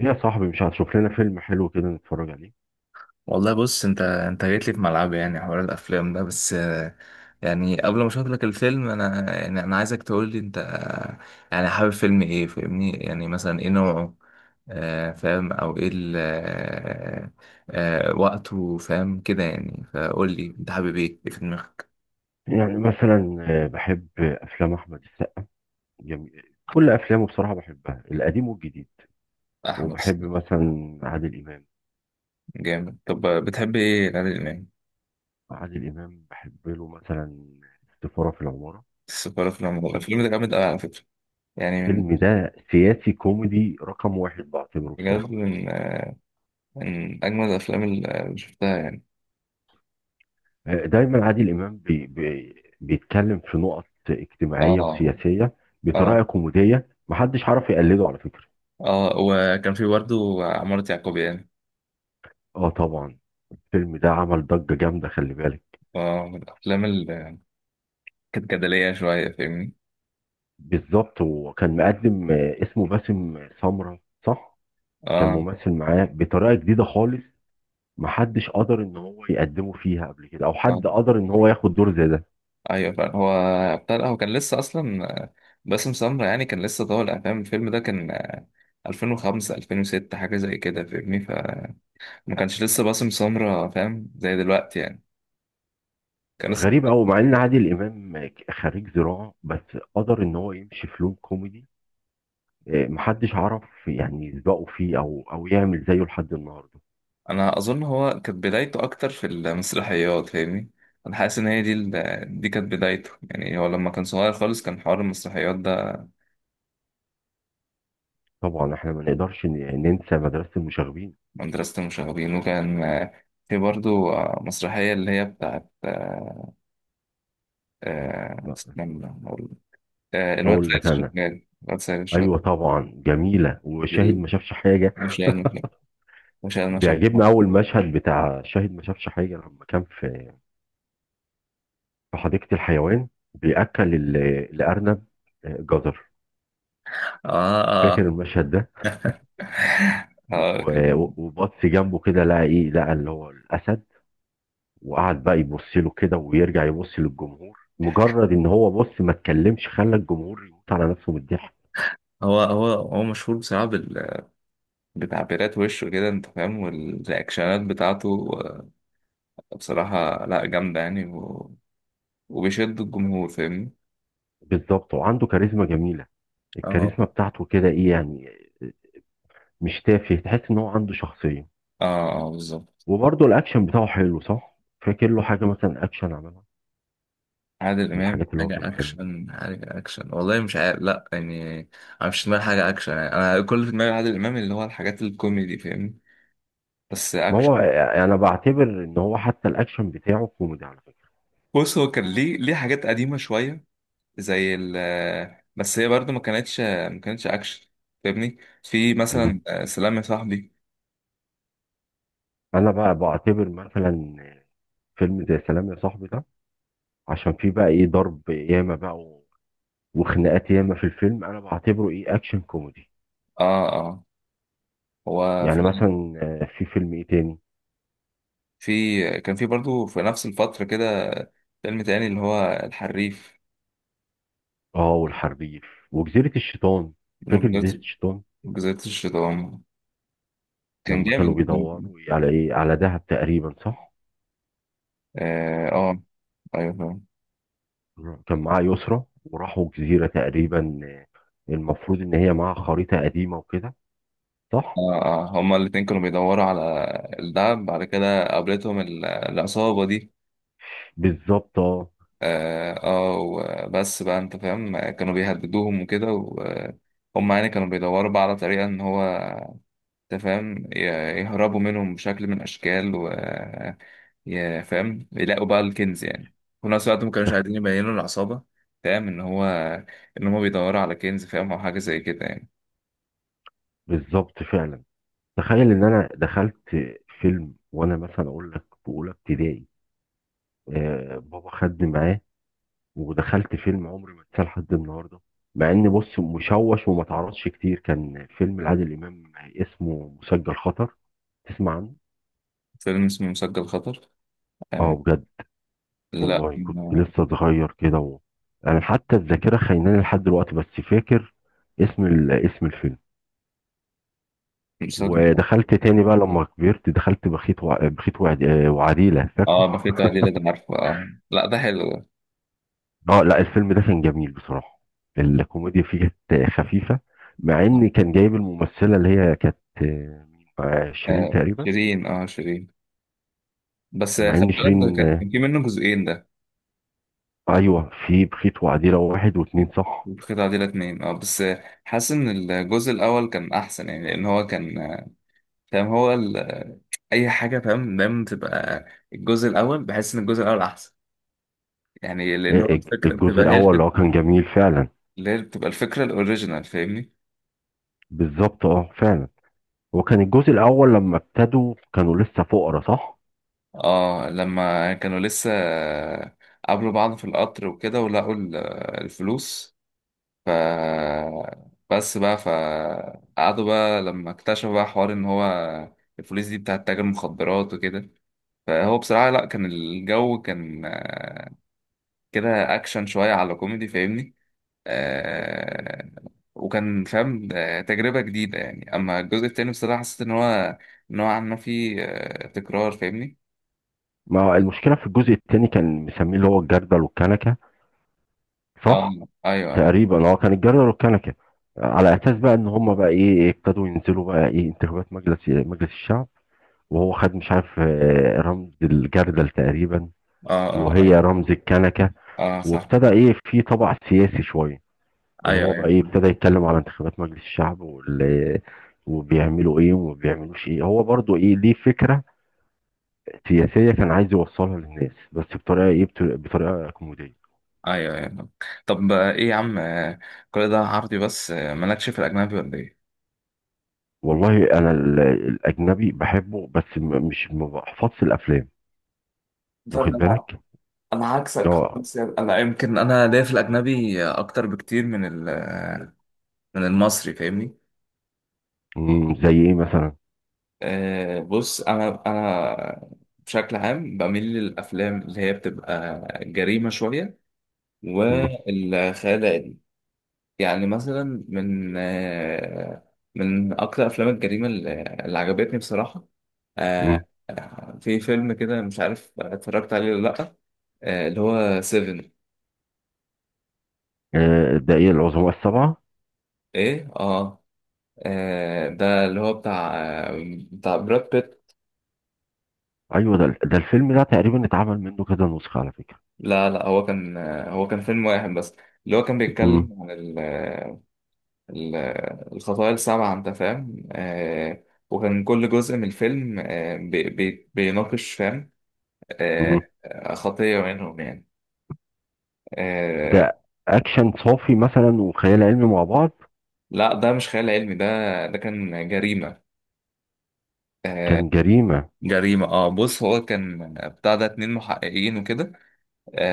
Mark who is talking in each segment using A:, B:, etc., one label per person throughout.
A: يا صاحبي، مش هتشوف لنا فيلم حلو كده نتفرج عليه؟
B: والله بص انت جيت لي في ملعبي، يعني حوار الافلام ده بس يعني قبل ما اشوف لك الفيلم انا عايزك تقول لي انت يعني حابب فيلم ايه فاهمني، يعني مثلا ايه نوعه؟ فاهم او ايه وقته فاهم كده، يعني فقول لي انت حابب ايه في دماغك؟
A: يعني مثلا بحب افلام احمد السقا. جميل. كل افلامه بصراحه بحبها، القديم والجديد.
B: احمد
A: وبحب
B: حسني.
A: مثلا عادل امام.
B: جامد. طب بتحب ايه العادل امام؟
A: عادل امام بحب له مثلا السفاره في العماره.
B: السفارة في العمر، الفيلم ده جامد قوي على فكرة. يعني من...
A: الفيلم ده سياسي كوميدي رقم واحد بعتبره
B: بجد
A: بصراحه.
B: من اجمل الافلام اللي شفتها يعني.
A: دايما عادل امام بي بي بيتكلم في نقط اجتماعيه
B: اه،
A: وسياسيه بطريقه
B: اه،
A: كوميديه، محدش عارف يقلده على فكره.
B: اه. وكان في برضه عمارة يعقوبيان.
A: اه، طبعا. الفيلم ده عمل ضجه جامده، خلي بالك.
B: اه، من الأفلام اللي كانت جدلية شوية، فاهمني.
A: بالظبط، وكان مقدم اسمه باسم سمرة، صح. كان
B: اه،
A: ممثل معاه بطريقة جديدة خالص، محدش قدر ان هو يقدمه فيها قبل كده، او
B: اه.
A: حد قدر ان هو ياخد دور زي ده.
B: أيوة، فعلا. هو هو كان لسه أصلا باسم سمرة، يعني كان لسه طالع فاهم. الفيلم ده كان 2005، 2006، حاجة زي كده فاهمني. فما كانش لسه باسم سمرة فاهم زي دلوقتي يعني. كان لسه...
A: غريب قوي مع ان عادل امام خريج زراعة، بس قدر ان هو يمشي في لون كوميدي. محدش عرف يعني يسبقه فيه او يعمل زيه لحد النهارده.
B: أنا أظن هو كانت بدايته أكتر في المسرحيات، فاهمني. أنا حاسس إن هي دي دي كانت بدايته. يعني هو لما كان صغير خالص كان حوار المسرحيات.
A: طبعا احنا ما نقدرش ننسى مدرسة المشاغبين.
B: مدرسة المشاغبين. وكان في برضو مسرحية اللي هي بتاعت استنى أقول. الواد
A: اقول
B: سيد
A: لك انا،
B: الشغال الواد سيد الشغال
A: ايوه طبعا، جميلة، وشاهد
B: الجديد،
A: ما شافش حاجة.
B: مش يعني مش يعني مش يعني.
A: بيعجبني اول مشهد بتاع شاهد ما شافش حاجه، لما كان في حديقه الحيوان، بياكل الارنب جزر.
B: اه،
A: فاكر
B: اه.
A: المشهد ده؟
B: اه. كان...
A: وبطس جنبه كده، لقى ايه، لقى اللي هو الاسد، وقعد بقى يبص له كده ويرجع يبص للجمهور، مجرد ان هو بص ما اتكلمش خلى الجمهور يموت على نفسه من الضحك.
B: هو مشهور بصراحة بتعبيرات وشه كده، انت فاهم، والرياكشنات بتاعته بصراحة لا، جامدة يعني وبيشد الجمهور، فاهمني.
A: بالظبط، وعنده كاريزما جميله.
B: اه،
A: الكاريزما بتاعته كده ايه يعني، مش تافه، تحس ان هو عنده شخصيه.
B: اه، اه، بالظبط.
A: وبرضه الاكشن بتاعه حلو، صح؟ فاكر له حاجه مثلا اكشن عملها؟
B: عادل
A: من
B: امام؟
A: الحاجات اللي هو
B: حاجه
A: كان بيعملها،
B: اكشن، حاجه اكشن؟ والله مش عارف، لا يعني. انا مش في دماغي حاجه اكشن، يعني انا كل اللي في دماغي عادل امام اللي هو الحاجات الكوميدي، فاهمني. بس
A: ما
B: اكشن...
A: هو انا بعتبر ان هو حتى الاكشن بتاعه كوميدي على فكره.
B: بص، هو كان ليه حاجات قديمه شويه، زي ال... بس هي برضو ما كانتش اكشن، فاهمني. في
A: مم.
B: مثلا سلام يا صاحبي.
A: انا بقى بعتبر مثلا فيلم زي سلام يا صاحبي ده، عشان فيه بقى ايه، ضرب ياما بقى وخناقات ياما في الفيلم، انا بعتبره ايه، اكشن كوميدي.
B: اه، اه. هو في...
A: يعني مثلا في فيلم ايه تاني؟
B: كان في برضو في نفس الفتره كده، فيلم تاني اللي هو الحريف.
A: اه، والحربيف وجزيرة الشيطان. فاكر جزيرة
B: جزيرة...
A: الشيطان؟
B: جزيرة الشيطان. كان
A: لما كانوا
B: جامد.
A: بيدوروا على ايه، على دهب تقريبا، صح؟
B: اه،
A: آه.
B: ايوه، فاهم.
A: كان معاه يسرا، وراحوا جزيرة تقريبا، المفروض ان هي معاها خريطة قديمة وكده، صح؟
B: اه، اه، هما الاتنين كانوا بيدوروا على الدهب. بعد كده قابلتهم العصابة دي.
A: بالظبط. اه.
B: اه، وبس بقى، انت فاهم، كانوا بيهددوهم وكده. وهم يعني كانوا بيدوروا بقى على طريقة ان هو، انت فاهم، يهربوا منهم بشكل من الاشكال، و فاهم، يلاقوا بقى الكنز يعني، في نفس الوقت ما كانوش
A: تخ-
B: عايزين يبينوا العصابة، فاهم، ان هو ان هما بيدوروا على كنز، فاهم، او حاجة زي كده يعني.
A: بالظبط فعلا. تخيل ان انا دخلت فيلم، وانا مثلا اقول لك في اولى ابتدائي، بابا خدني معاه، ودخلت فيلم عمري ما انساه لحد النهارده. مع ان بص، مشوش وما تعرضش كتير، كان فيلم لعادل امام اسمه مسجل خطر. تسمع عنه؟
B: فيلم اسمه مسجل خطر؟
A: اه،
B: آه،
A: بجد.
B: لا،
A: والله كنت لسه صغير كده. و... انا حتى الذاكره خايناني لحد دلوقتي، بس فاكر اسم الفيلم.
B: مصدق؟
A: ودخلت تاني بقى لما كبرت، دخلت بخيت وع... بخيت وعد... آه، وعديلة، فاكره؟
B: اه، بخيت قليلة ده عارفه. اه، لا، ده حلو.
A: اه لا، الفيلم ده كان جميل بصراحة، الكوميديا فيه كانت خفيفة. مع
B: ده...
A: ان كان جايب الممثلة اللي هي كانت شيرين تقريبا.
B: شيرين، اه شيرين. بس
A: مع
B: خلي
A: ان
B: بالك، ده
A: شيرين
B: كان كان في منه جزئين ده.
A: ايوه، في بخيت وعديلة واحد واتنين، صح.
B: بخيت عديلة اتنين، اه. بس حاسس ان الجزء الاول كان احسن، يعني لان هو كان فاهم هو اي حاجة، فاهم، دايما تبقى الجزء الاول. بحس ان الجزء الاول احسن، يعني لان هو الفكرة
A: الجزء
B: بتبقى هي
A: الاول اللي
B: الفكرة
A: هو كان جميل فعلا.
B: اللي هي بتبقى الفكرة الاوريجينال، فاهمني.
A: بالظبط، اه، فعلا. هو كان الجزء الاول، لما ابتدوا كانوا لسه فقراء، صح؟
B: اه، لما كانوا لسه قابلوا بعض في القطر وكده ولقوا الفلوس. ف... بس بقى فقعدوا بقى لما اكتشفوا بقى حوار ان هو الفلوس دي بتاعت تاجر مخدرات وكده. فهو بصراحة لا، كان الجو كان كده اكشن شوية على كوميدي، فاهمني. آه، وكان فاهم تجربة جديدة يعني. اما الجزء التاني بصراحة حسيت ان هو نوعا ما فيه تكرار، فاهمني.
A: ما المشكلة، في الجزء التاني كان مسميه اللي هو الجردل والكنكة،
B: اه،
A: صح.
B: ايوه، ايوه.
A: تقريبا هو كان الجزر والكنكه، على اساس بقى ان هم بقى ايه، ابتدوا ينزلوا بقى ايه، انتخابات مجلس الشعب، وهو خد مش عارف رمز الجردل تقريبا،
B: اه، اه،
A: وهي
B: ايوه.
A: رمز الكنكه.
B: اه، صح.
A: وابتدى ايه في طبع سياسي شويه، اللي
B: ايوه،
A: هو بقى
B: ايوه،
A: ايه، ابتدى يتكلم على انتخابات مجلس الشعب وبيعملوا ايه وما بيعملوش ايه، هو برضو ايه، ليه فكره سياسيه كان عايز يوصلها للناس، بس بطريقه ايه، بطريقه كوميديه.
B: ايوه، ايوه. طب ايه يا عم كل ده عربي، بس مالكش في الاجنبي ولا ايه؟
A: والله انا الاجنبي بحبه، بس مش ما بحفظش الافلام،
B: ده
A: واخد
B: انا...
A: بالك؟
B: انا عكسك،
A: اه.
B: بس يعني انا ليا في الاجنبي اكتر بكتير من من المصري، فاهمني.
A: زي ايه مثلا؟
B: بص، انا بشكل عام بميل للافلام اللي هي بتبقى جريمه شويه
A: أمم.
B: والخيال العلمي. يعني مثلا من من اكتر افلام الجريمه اللي عجبتني بصراحه،
A: أمم.
B: في فيلم كده مش عارف اتفرجت عليه ولا لأ؟ اللي هو سيفن.
A: ده ايه، العظماء السبعه؟
B: ايه، اه. ده اللي هو بتاع آه، بتاع براد بيت.
A: ايوه، ده الفيلم ده تقريبا اتعمل منه كذا نسخه على فكره.
B: لا، لا، هو كان فيلم واحد بس اللي هو كان
A: أمم.
B: بيتكلم عن الخطايا السبعة، انت فاهم. وكان كل جزء من الفيلم آه بي بي بيناقش، فاهم،
A: أمم.
B: خطية منهم يعني. آه
A: ده اكشن صافي مثلا، وخيال علمي مع بعض.
B: لا، ده مش خيال علمي ده، ده كان جريمة. آه،
A: كان جريمه.
B: جريمة، اه. بص، هو كان بتاع ده اتنين محققين وكده.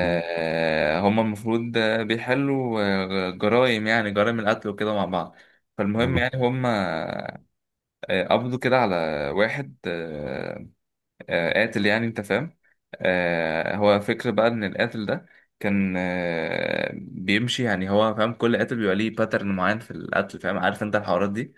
A: أمم.
B: هما المفروض بيحلوا جرائم، يعني جرائم القتل وكده مع بعض. فالمهم
A: أمم.
B: يعني هما قبضوا كده على واحد قاتل يعني، انت فاهم. هو فكر بقى ان القاتل ده كان بيمشي، يعني هو فاهم كل قاتل بيبقى ليه باترن معين في القتل، فاهم، عارف انت الحوارات دي.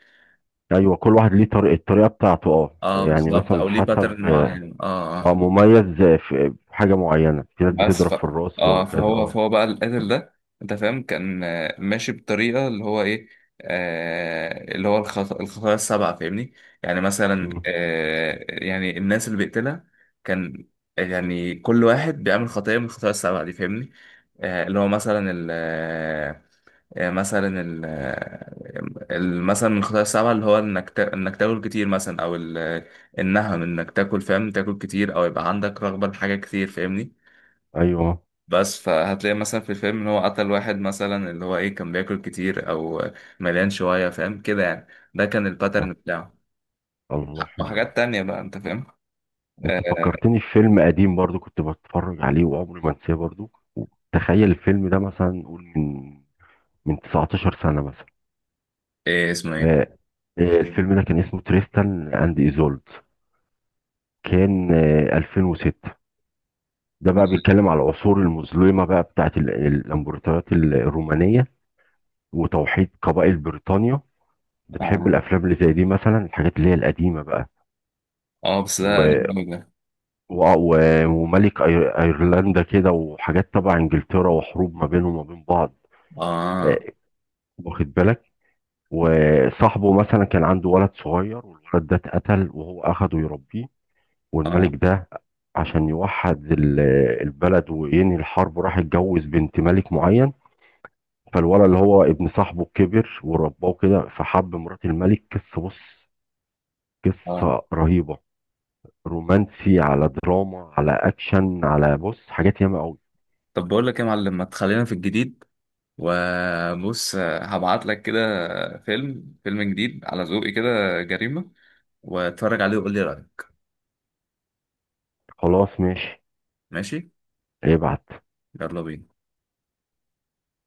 A: ايوه، كل واحد ليه طريقه، الطريقه بتاعته، اه،
B: اه،
A: يعني
B: بالظبط،
A: مثلا
B: او ليه
A: حسب،
B: باترن
A: اه،
B: معين، اه. آه.
A: مميز في في حاجه معينه، في ناس
B: بس
A: بتضرب في الراس
B: اه،
A: وكذا،
B: فهو
A: اه.
B: فهو بقى القاتل ده، انت فاهم، كان ماشي بطريقه اللي هو ايه، اللي هو الخطايا السبعه، فاهمني. يعني مثلا يعني الناس اللي بيقتلها، كان يعني كل واحد بيعمل خطيه من الخطايا السبعه دي، فاهمني. اللي هو مثلا ال آه، مثلا مثلا من الخطايا السبعة اللي هو انك تاكل كتير مثلا، او النهم، انك تاكل، فاهم، تاكل كتير، او يبقى عندك رغبة لحاجة كتير، فاهمني.
A: ايوه،
B: بس، فهتلاقي مثلا في الفيلم ان هو قتل واحد مثلا اللي هو ايه، كان بياكل كتير او مليان شوية، فاهم كده يعني. ده كان الباترن بتاعه،
A: الله، حلو.
B: وحاجات تانية بقى، انت فاهم.
A: انت
B: آه
A: فكرتني في فيلم قديم برضو، كنت بتفرج عليه وعمري ما انساه برضو. تخيل الفيلم ده مثلا، نقول من 19 سنة مثلا.
B: ايه اسمه ايه؟
A: آه، الفيلم ده كان اسمه تريستان اند ايزولد، كان 2006. ده بقى بيتكلم على العصور المظلمة بقى، بتاعت الامبراطوريات الرومانية وتوحيد قبائل بريطانيا. بتحب
B: اه،
A: الافلام اللي زي دي مثلا، الحاجات اللي هي القديمة
B: بس ده
A: بقى؟
B: قديم قوي ده.
A: وملك ايرلندا كده، وحاجات تبع انجلترا، وحروب ما بينهم وما بين بعض.
B: اه،
A: آه، واخد بالك؟ وصاحبه مثلا كان عنده ولد صغير، والولد ده اتقتل وهو اخده يربيه.
B: اه،
A: والملك ده عشان يوحد البلد وينهي الحرب، راح اتجوز بنت ملك معين. فالولد اللي هو ابن صاحبه كبر ورباه كده، فحب مرات الملك، قصة، بص،
B: اه.
A: قصة رهيبة، رومانسي على دراما على اكشن، على بص، حاجات ياما قوي.
B: طب بقول لك ايه يا معلم، ما تخلينا في الجديد، وبص هبعت لك كده فيلم جديد على ذوقي كده، جريمة، واتفرج عليه وقول لي رأيك.
A: خلاص ماشي،
B: ماشي.
A: ابعت.
B: يلا بينا.